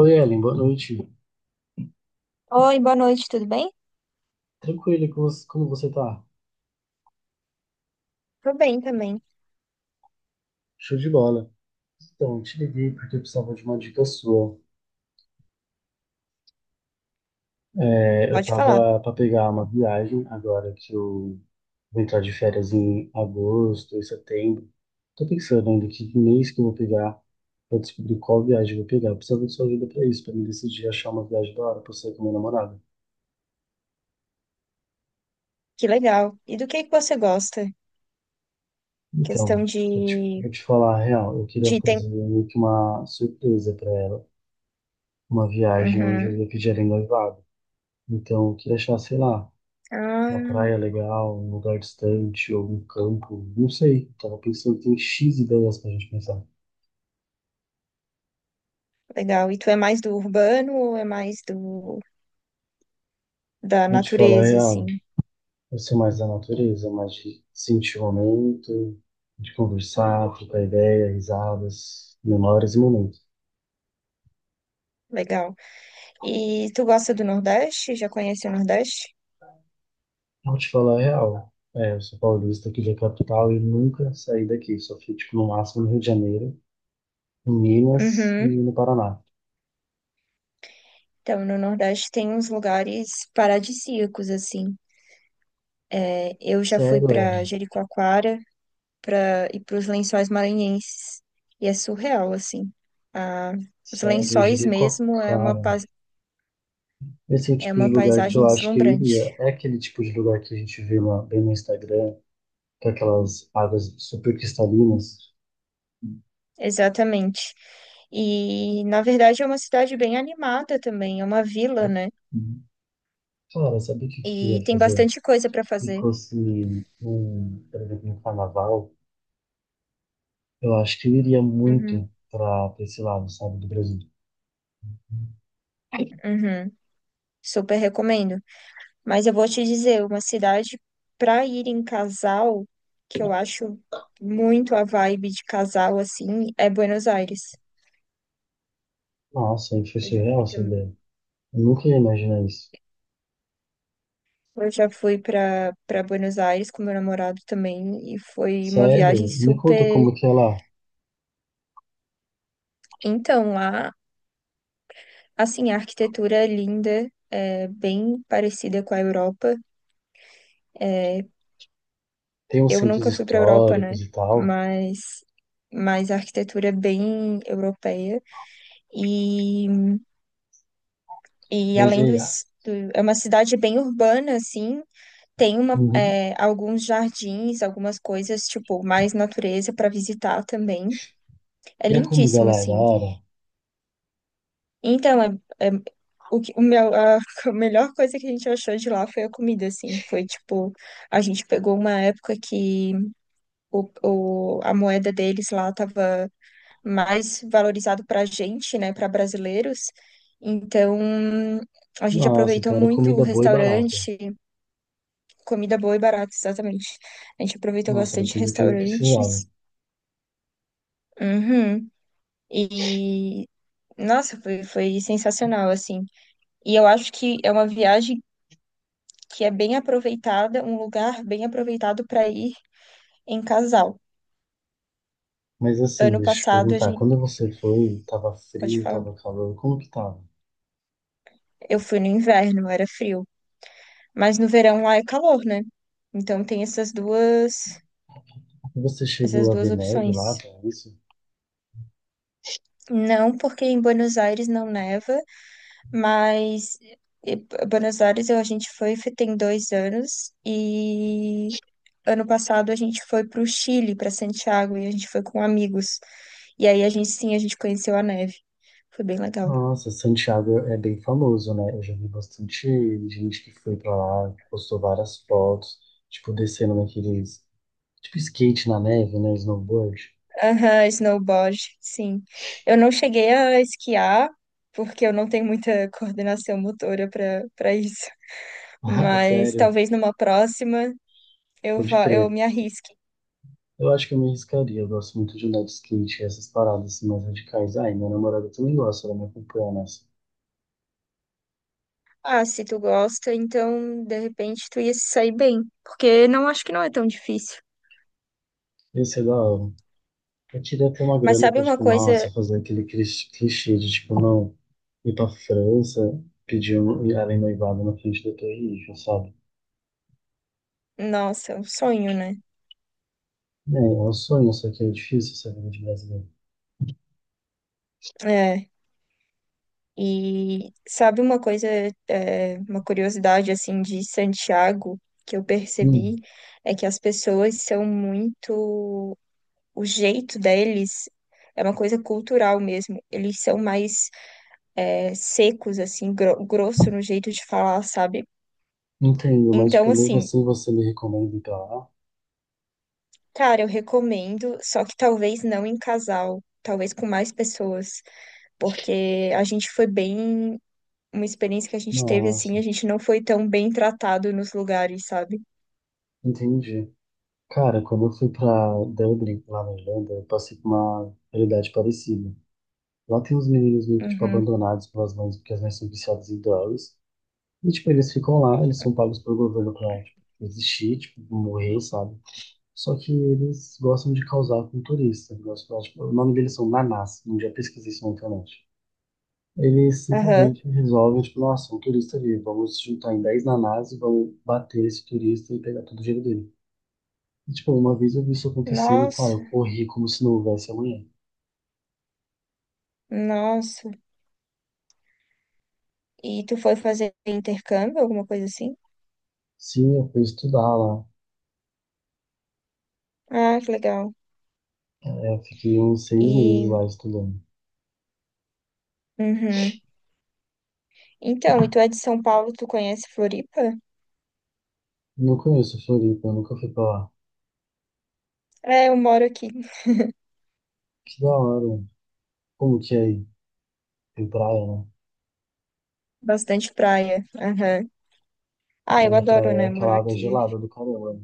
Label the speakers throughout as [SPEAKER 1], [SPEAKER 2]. [SPEAKER 1] Oi, Ellen, boa noite.
[SPEAKER 2] Oi, boa noite, tudo bem?
[SPEAKER 1] Tranquilo, e como você tá?
[SPEAKER 2] Tô bem também.
[SPEAKER 1] Show de bola. Então, te liguei porque eu precisava de uma dica sua. É, eu
[SPEAKER 2] Pode falar.
[SPEAKER 1] tava pra pegar uma viagem agora que eu vou entrar de férias em agosto e setembro. Tô pensando ainda que mês que eu vou pegar pra descobrir qual viagem eu vou pegar. Eu precisava de sua ajuda pra isso, pra me decidir achar uma viagem da hora pra sair com minha namorada.
[SPEAKER 2] Que legal. E do que você gosta? Questão
[SPEAKER 1] Então, vou te falar a real. Eu queria
[SPEAKER 2] de tem...
[SPEAKER 1] fazer meio que uma surpresa pra ela. Uma viagem onde eu
[SPEAKER 2] Uhum.
[SPEAKER 1] ia pedir ela em noivado. Então, eu queria achar, sei lá, uma
[SPEAKER 2] Ah,
[SPEAKER 1] praia legal, um lugar distante, ou um campo, não sei. Tava pensando, tem X ideias pra gente pensar.
[SPEAKER 2] legal. E tu é mais do urbano ou é mais do da
[SPEAKER 1] Vou te falar a
[SPEAKER 2] natureza,
[SPEAKER 1] real,
[SPEAKER 2] assim?
[SPEAKER 1] eu sou mais da natureza, mais de sentir o momento, de conversar, trocar ideia, risadas, memórias e momentos.
[SPEAKER 2] Legal. E tu gosta do Nordeste? Já conhece o Nordeste?
[SPEAKER 1] Vou te falar a real, é, eu sou paulista aqui da capital e nunca saí daqui, só fui, tipo, no máximo no Rio de Janeiro, em Minas e
[SPEAKER 2] Uhum.
[SPEAKER 1] no Paraná.
[SPEAKER 2] Então, no Nordeste tem uns lugares paradisíacos, assim. É, eu já fui
[SPEAKER 1] Sério,
[SPEAKER 2] para
[SPEAKER 1] Ellen,
[SPEAKER 2] Jericoacoara, para ir para os Lençóis Maranhenses. E é surreal, assim. Ah, os
[SPEAKER 1] sério, eu
[SPEAKER 2] Lençóis
[SPEAKER 1] diria com a
[SPEAKER 2] mesmo é
[SPEAKER 1] cara. Esse é o
[SPEAKER 2] é
[SPEAKER 1] tipo de
[SPEAKER 2] uma
[SPEAKER 1] lugar que eu
[SPEAKER 2] paisagem
[SPEAKER 1] acho que eu iria.
[SPEAKER 2] deslumbrante.
[SPEAKER 1] É aquele tipo de lugar que a gente vê bem no Instagram, com aquelas águas super cristalinas.
[SPEAKER 2] Exatamente. E, na verdade, é uma cidade bem animada também, é uma vila,
[SPEAKER 1] Né?
[SPEAKER 2] né?
[SPEAKER 1] Uhum. Cara, sabe o que eu
[SPEAKER 2] E
[SPEAKER 1] queria
[SPEAKER 2] tem
[SPEAKER 1] fazer?
[SPEAKER 2] bastante coisa para
[SPEAKER 1] Se
[SPEAKER 2] fazer.
[SPEAKER 1] fosse um, por exemplo, um carnaval, eu acho que eu iria muito
[SPEAKER 2] Uhum,
[SPEAKER 1] para esse lado, sabe, do Brasil.
[SPEAKER 2] uhum. Super recomendo. Mas eu vou te dizer, uma cidade para ir em casal, que eu acho muito a vibe de casal, assim, é Buenos Aires.
[SPEAKER 1] Nossa, aí foi
[SPEAKER 2] Eu já
[SPEAKER 1] surreal
[SPEAKER 2] fui
[SPEAKER 1] essa
[SPEAKER 2] também.
[SPEAKER 1] ideia. Eu nunca ia imaginar isso.
[SPEAKER 2] Eu já fui para Buenos Aires com meu namorado também e foi uma viagem
[SPEAKER 1] Sério? Me conta
[SPEAKER 2] super.
[SPEAKER 1] como que é lá.
[SPEAKER 2] Então, lá, assim, a arquitetura é linda, é bem parecida com a Europa. É,
[SPEAKER 1] Tem uns
[SPEAKER 2] eu
[SPEAKER 1] centros
[SPEAKER 2] nunca fui para a Europa, né?
[SPEAKER 1] históricos e tal,
[SPEAKER 2] Mas, mas a arquitetura é bem europeia e,
[SPEAKER 1] mas e a,
[SPEAKER 2] é uma cidade bem urbana, assim. Tem uma,
[SPEAKER 1] Uhum.
[SPEAKER 2] é, alguns jardins, algumas coisas, tipo, mais natureza para visitar também. É
[SPEAKER 1] E a comida
[SPEAKER 2] lindíssimo,
[SPEAKER 1] lá é da
[SPEAKER 2] assim.
[SPEAKER 1] hora?
[SPEAKER 2] Então, é- é- o que, o meu, a a melhor coisa que a gente achou de lá foi a comida, assim. Foi tipo, a gente pegou uma época que a moeda deles lá tava mais valorizado pra gente, né, pra brasileiros. Então, a gente
[SPEAKER 1] Nossa,
[SPEAKER 2] aproveitou
[SPEAKER 1] então era
[SPEAKER 2] muito o
[SPEAKER 1] comida boa e barata.
[SPEAKER 2] restaurante, comida boa e barata, exatamente. A gente aproveitou
[SPEAKER 1] Nossa, era
[SPEAKER 2] bastante
[SPEAKER 1] tudo que eu precisava.
[SPEAKER 2] restaurantes. Uhum. E, nossa, foi sensacional, assim. E eu acho que é uma viagem que é bem aproveitada, um lugar bem aproveitado para ir em casal.
[SPEAKER 1] Mas assim,
[SPEAKER 2] Ano
[SPEAKER 1] deixa eu te
[SPEAKER 2] passado a
[SPEAKER 1] perguntar,
[SPEAKER 2] gente,
[SPEAKER 1] quando você foi, tava
[SPEAKER 2] pode
[SPEAKER 1] frio,
[SPEAKER 2] falar,
[SPEAKER 1] tava calor, como que tava?
[SPEAKER 2] eu fui no inverno, era frio, mas no verão lá é calor, né? Então
[SPEAKER 1] Você chegou
[SPEAKER 2] essas
[SPEAKER 1] a
[SPEAKER 2] duas
[SPEAKER 1] ver neve
[SPEAKER 2] opções.
[SPEAKER 1] lá, tá isso?
[SPEAKER 2] Não porque em Buenos Aires não neva, mas eh, Buenos Aires a gente foi tem dois anos e ano passado a gente foi para o Chile, para Santiago e a gente foi com amigos. E aí a gente sim, a gente conheceu a neve. Foi bem legal.
[SPEAKER 1] Nossa, Santiago é bem famoso, né? Eu já vi bastante gente que foi pra lá, postou várias fotos, tipo, descendo naqueles, tipo, skate na neve, né? Snowboard.
[SPEAKER 2] Aham, snowboard, sim. Eu não cheguei a esquiar, porque eu não tenho muita coordenação motora para isso.
[SPEAKER 1] Ah,
[SPEAKER 2] Mas
[SPEAKER 1] sério,
[SPEAKER 2] talvez numa próxima eu
[SPEAKER 1] pode
[SPEAKER 2] vá, eu
[SPEAKER 1] crer.
[SPEAKER 2] me arrisque.
[SPEAKER 1] Eu acho que eu me arriscaria. Eu gosto muito de andar de skate, essas paradas assim, mais radicais. Ai, minha namorada também gosta, ela me acompanha nessa.
[SPEAKER 2] Ah, se tu gosta, então de repente tu ia se sair bem, porque não acho que não é tão difícil.
[SPEAKER 1] Ia ser da hora. Eu queria ter uma
[SPEAKER 2] Mas
[SPEAKER 1] grana
[SPEAKER 2] sabe
[SPEAKER 1] pra,
[SPEAKER 2] uma
[SPEAKER 1] tipo, nossa,
[SPEAKER 2] coisa?
[SPEAKER 1] fazer aquele clichê de, tipo, não ir pra França, ir além noivado na frente da Torre Eiffel, sabe?
[SPEAKER 2] Nossa, é um sonho, né?
[SPEAKER 1] É, é um sonho, só que é difícil essa vida de brasileiro.
[SPEAKER 2] É. E sabe uma coisa, é, uma curiosidade assim de Santiago que eu percebi
[SPEAKER 1] Hum,
[SPEAKER 2] é que as pessoas são muito, o jeito deles é uma coisa cultural mesmo. Eles são mais é, secos assim, grosso no jeito de falar, sabe?
[SPEAKER 1] entendo, mas, tipo,
[SPEAKER 2] Então
[SPEAKER 1] mesmo
[SPEAKER 2] assim,
[SPEAKER 1] assim você me recomenda ir pra lá?
[SPEAKER 2] cara, eu recomendo, só que talvez não em casal, talvez com mais pessoas, porque a gente foi bem uma experiência que a gente teve
[SPEAKER 1] Nossa,
[SPEAKER 2] assim, a gente não foi tão bem tratado nos lugares, sabe?
[SPEAKER 1] entendi. Cara, quando eu fui pra Dublin, lá na Irlanda, eu passei por uma realidade parecida. Lá tem uns meninos meio que, tipo,
[SPEAKER 2] Uhum.
[SPEAKER 1] abandonados pelas mães, porque as mães são viciadas em drogas. E, tipo, eles ficam lá, eles são pagos pelo governo pra, tipo, existir, tipo, morrer, sabe? Só que eles gostam de causar com turista. Eles gostam de falar, tipo, o nome deles são Nanás, um dia eu pesquisei isso na internet. Eles
[SPEAKER 2] Aham.
[SPEAKER 1] simplesmente resolvem, tipo, nossa, um turista ali, vamos juntar em 10 nanás e vamos bater esse turista e pegar todo o dinheiro dele. E, tipo, uma vez eu vi isso acontecendo, cara, eu
[SPEAKER 2] Nossa,
[SPEAKER 1] corri como se não houvesse amanhã.
[SPEAKER 2] nossa. E tu foi fazer intercâmbio, alguma coisa assim?
[SPEAKER 1] Sim, eu fui estudar lá.
[SPEAKER 2] Ah, que legal.
[SPEAKER 1] É, eu fiquei uns 6 meses lá
[SPEAKER 2] E,
[SPEAKER 1] estudando.
[SPEAKER 2] uhum. Então, e tu é de São Paulo, tu conhece Floripa?
[SPEAKER 1] Não conheço Floripa, eu nunca fui pra lá.
[SPEAKER 2] É, eu moro aqui,
[SPEAKER 1] Que da hora. Como que é aí? Tem praia, né?
[SPEAKER 2] bastante praia. Aham. Ah, eu
[SPEAKER 1] Mas a
[SPEAKER 2] adoro,
[SPEAKER 1] praia é
[SPEAKER 2] né,
[SPEAKER 1] aquela
[SPEAKER 2] morar
[SPEAKER 1] água
[SPEAKER 2] aqui.
[SPEAKER 1] gelada do caramba, né?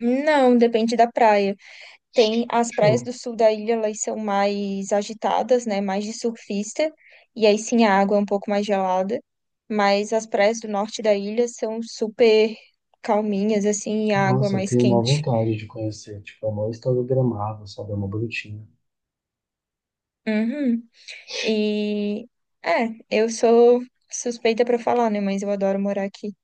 [SPEAKER 2] Não, depende da praia. Tem as praias
[SPEAKER 1] Show.
[SPEAKER 2] do sul da ilha, elas são mais agitadas, né? Mais de surfista. E aí sim a água é um pouco mais gelada. Mas as praias do norte da ilha são super calminhas, assim, e a água é
[SPEAKER 1] Nossa, eu
[SPEAKER 2] mais
[SPEAKER 1] tenho uma
[SPEAKER 2] quente.
[SPEAKER 1] vontade de conhecer. Tipo, é uma história gramável, sabe? É uma bonitinha.
[SPEAKER 2] Uhum. E é, eu sou suspeita para falar, né? Mas eu adoro morar aqui.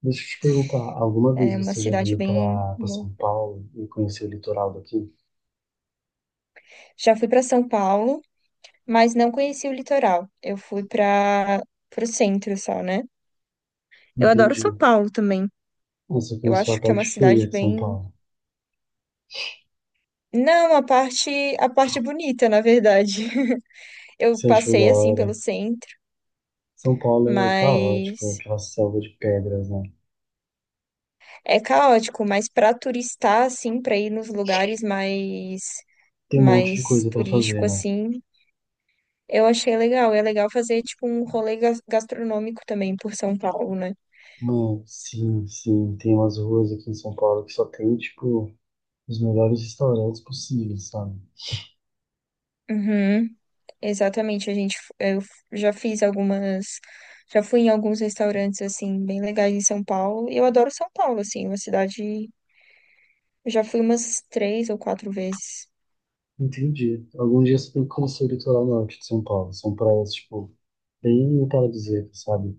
[SPEAKER 1] Deixa eu te perguntar, alguma vez
[SPEAKER 2] É uma
[SPEAKER 1] você já
[SPEAKER 2] cidade
[SPEAKER 1] veio
[SPEAKER 2] bem
[SPEAKER 1] pra
[SPEAKER 2] boa.
[SPEAKER 1] São Paulo e conheceu o litoral daqui?
[SPEAKER 2] Já fui para São Paulo, mas não conheci o litoral. Eu fui para o centro só, né? Eu adoro São
[SPEAKER 1] Entendi.
[SPEAKER 2] Paulo também.
[SPEAKER 1] Você
[SPEAKER 2] Eu
[SPEAKER 1] conheceu a
[SPEAKER 2] acho que é
[SPEAKER 1] parte
[SPEAKER 2] uma
[SPEAKER 1] feia
[SPEAKER 2] cidade
[SPEAKER 1] de São
[SPEAKER 2] bem.
[SPEAKER 1] Paulo.
[SPEAKER 2] Não, a parte bonita, na verdade. Eu
[SPEAKER 1] Você achou da
[SPEAKER 2] passei assim pelo
[SPEAKER 1] hora?
[SPEAKER 2] centro,
[SPEAKER 1] São Paulo é caótico, é
[SPEAKER 2] mas
[SPEAKER 1] aquela selva de pedras, né?
[SPEAKER 2] é caótico, mas para turistar assim, para ir nos lugares
[SPEAKER 1] Tem um monte de
[SPEAKER 2] mais
[SPEAKER 1] coisa pra fazer,
[SPEAKER 2] turístico
[SPEAKER 1] né?
[SPEAKER 2] assim, eu achei legal. É legal fazer tipo um rolê gastronômico também por São Paulo, né?
[SPEAKER 1] Mano, sim, sim. Tem umas ruas aqui em São Paulo que só tem, tipo, os melhores restaurantes possíveis, sabe?
[SPEAKER 2] Uhum, exatamente, a gente f- eu f- já fiz algumas já fui em alguns restaurantes assim bem legais em São Paulo. Eu adoro São Paulo assim, uma cidade. Eu já fui umas três ou quatro vezes.
[SPEAKER 1] Entendi. Algum dia você tem que conhecer o litoral norte de São Paulo. São praias, tipo, bem paradisíacas, sabe?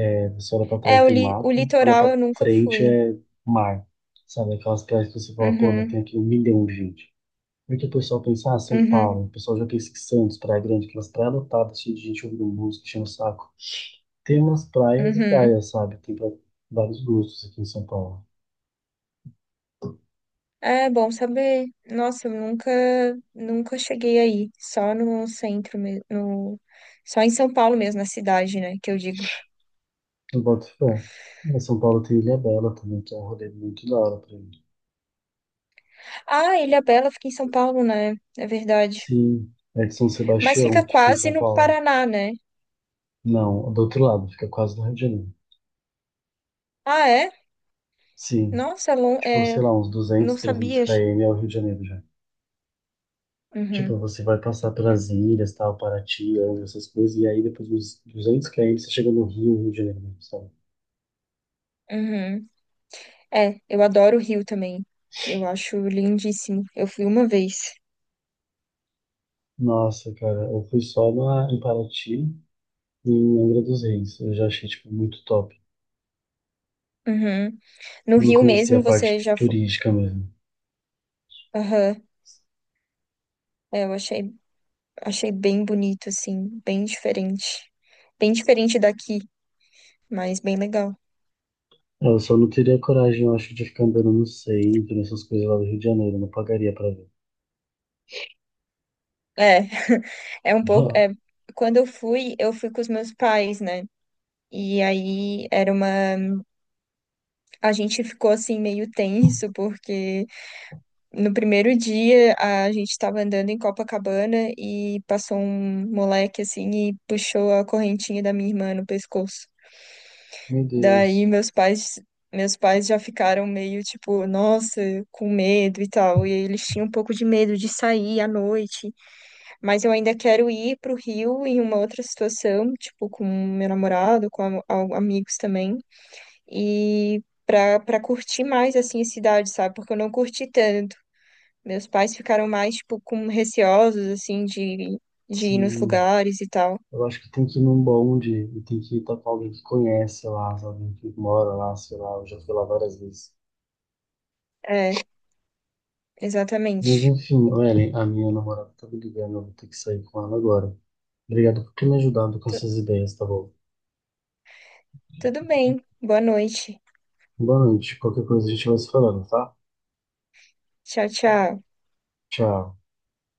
[SPEAKER 1] É, você olha pra trás tem
[SPEAKER 2] O
[SPEAKER 1] mato, olha
[SPEAKER 2] litoral
[SPEAKER 1] pra
[SPEAKER 2] eu nunca
[SPEAKER 1] frente
[SPEAKER 2] fui.
[SPEAKER 1] é mar, sabe? Aquelas praias que você fala, pô, não tem
[SPEAKER 2] Uhum,
[SPEAKER 1] aqui um milhão de gente. Porque o pessoal pensa, ah, São
[SPEAKER 2] uhum,
[SPEAKER 1] Paulo. O pessoal já pensa que Santos, Praia Grande, aquelas praias lotadas, cheias de gente ouvindo música, enchendo o saco. Tem umas praias e
[SPEAKER 2] uhum.
[SPEAKER 1] praias, sabe? Tem pra vários gostos aqui em São Paulo.
[SPEAKER 2] É bom saber. Nossa, eu nunca, nunca cheguei aí. Só no centro mesmo. No... Só em São Paulo mesmo, na cidade, né? Que eu digo.
[SPEAKER 1] Eu boto fé. Em São Paulo tem Ilha Bela também, que é um rolê muito da hora pra mim.
[SPEAKER 2] Ah, Ilhabela fica em São Paulo, né? É verdade.
[SPEAKER 1] Sim, é de São
[SPEAKER 2] Mas
[SPEAKER 1] Sebastião,
[SPEAKER 2] fica
[SPEAKER 1] que fica em
[SPEAKER 2] quase
[SPEAKER 1] São
[SPEAKER 2] no
[SPEAKER 1] Paulo.
[SPEAKER 2] Paraná, né?
[SPEAKER 1] Não, do outro lado, fica quase no Rio de Janeiro.
[SPEAKER 2] Ah, é?
[SPEAKER 1] Sim,
[SPEAKER 2] Nossa, é lon-
[SPEAKER 1] tipo,
[SPEAKER 2] é...
[SPEAKER 1] sei lá, uns 200,
[SPEAKER 2] não
[SPEAKER 1] 300
[SPEAKER 2] sabia.
[SPEAKER 1] km é o Rio de Janeiro já. Tipo,
[SPEAKER 2] Uhum,
[SPEAKER 1] você vai passar pelas ilhas, tal, Paraty, essas coisas, e aí depois dos 200 km você chega no Rio, Rio de Janeiro, sabe?
[SPEAKER 2] uhum. É, eu adoro o Rio também. Eu acho lindíssimo. Eu fui uma vez.
[SPEAKER 1] Nossa, cara, eu fui só em Paraty, em Angra dos Reis. Eu já achei, tipo, muito top.
[SPEAKER 2] Uhum. No
[SPEAKER 1] Eu não
[SPEAKER 2] Rio
[SPEAKER 1] conhecia a
[SPEAKER 2] mesmo
[SPEAKER 1] parte
[SPEAKER 2] você já foi.
[SPEAKER 1] turística mesmo.
[SPEAKER 2] Aham. É, eu achei, achei bem bonito, assim, bem diferente. Bem diferente daqui, mas bem legal.
[SPEAKER 1] É, Eu só não teria coragem, eu acho, de ficar andando no centro, nessas coisas lá do Rio de Janeiro. Eu não pagaria pra ver.
[SPEAKER 2] É, é um pouco.
[SPEAKER 1] Ah,
[SPEAKER 2] É, quando eu fui com os meus pais, né? E aí era uma. A gente ficou assim meio tenso, porque no primeiro dia, a gente estava andando em Copacabana e passou um moleque assim e puxou a correntinha da minha irmã no pescoço.
[SPEAKER 1] Meu
[SPEAKER 2] Daí
[SPEAKER 1] Deus.
[SPEAKER 2] meus pais, meus pais já ficaram meio tipo, nossa, com medo e tal. E eles tinham um pouco de medo de sair à noite, mas eu ainda quero ir pro Rio em uma outra situação, tipo com meu namorado, com amigos também. E para curtir mais assim a cidade, sabe? Porque eu não curti tanto. Meus pais ficaram mais, tipo, com receosos, assim, de ir nos
[SPEAKER 1] Sim,
[SPEAKER 2] lugares e tal.
[SPEAKER 1] eu acho que tem que ir num bonde e tem que ir tá com alguém que conhece lá, sabe? Alguém que mora lá, sei lá. Eu já fui lá várias vezes.
[SPEAKER 2] É,
[SPEAKER 1] Mas
[SPEAKER 2] exatamente.
[SPEAKER 1] enfim, ô, Ellen, a minha namorada tá me ligando, eu vou ter que sair com ela agora. Obrigado por ter me ajudado com
[SPEAKER 2] Tu-
[SPEAKER 1] essas ideias, tá bom?
[SPEAKER 2] tudo bem. Boa noite.
[SPEAKER 1] Boa noite. Qualquer coisa a gente vai se falando, tá?
[SPEAKER 2] Tchau, tchau.
[SPEAKER 1] Tchau.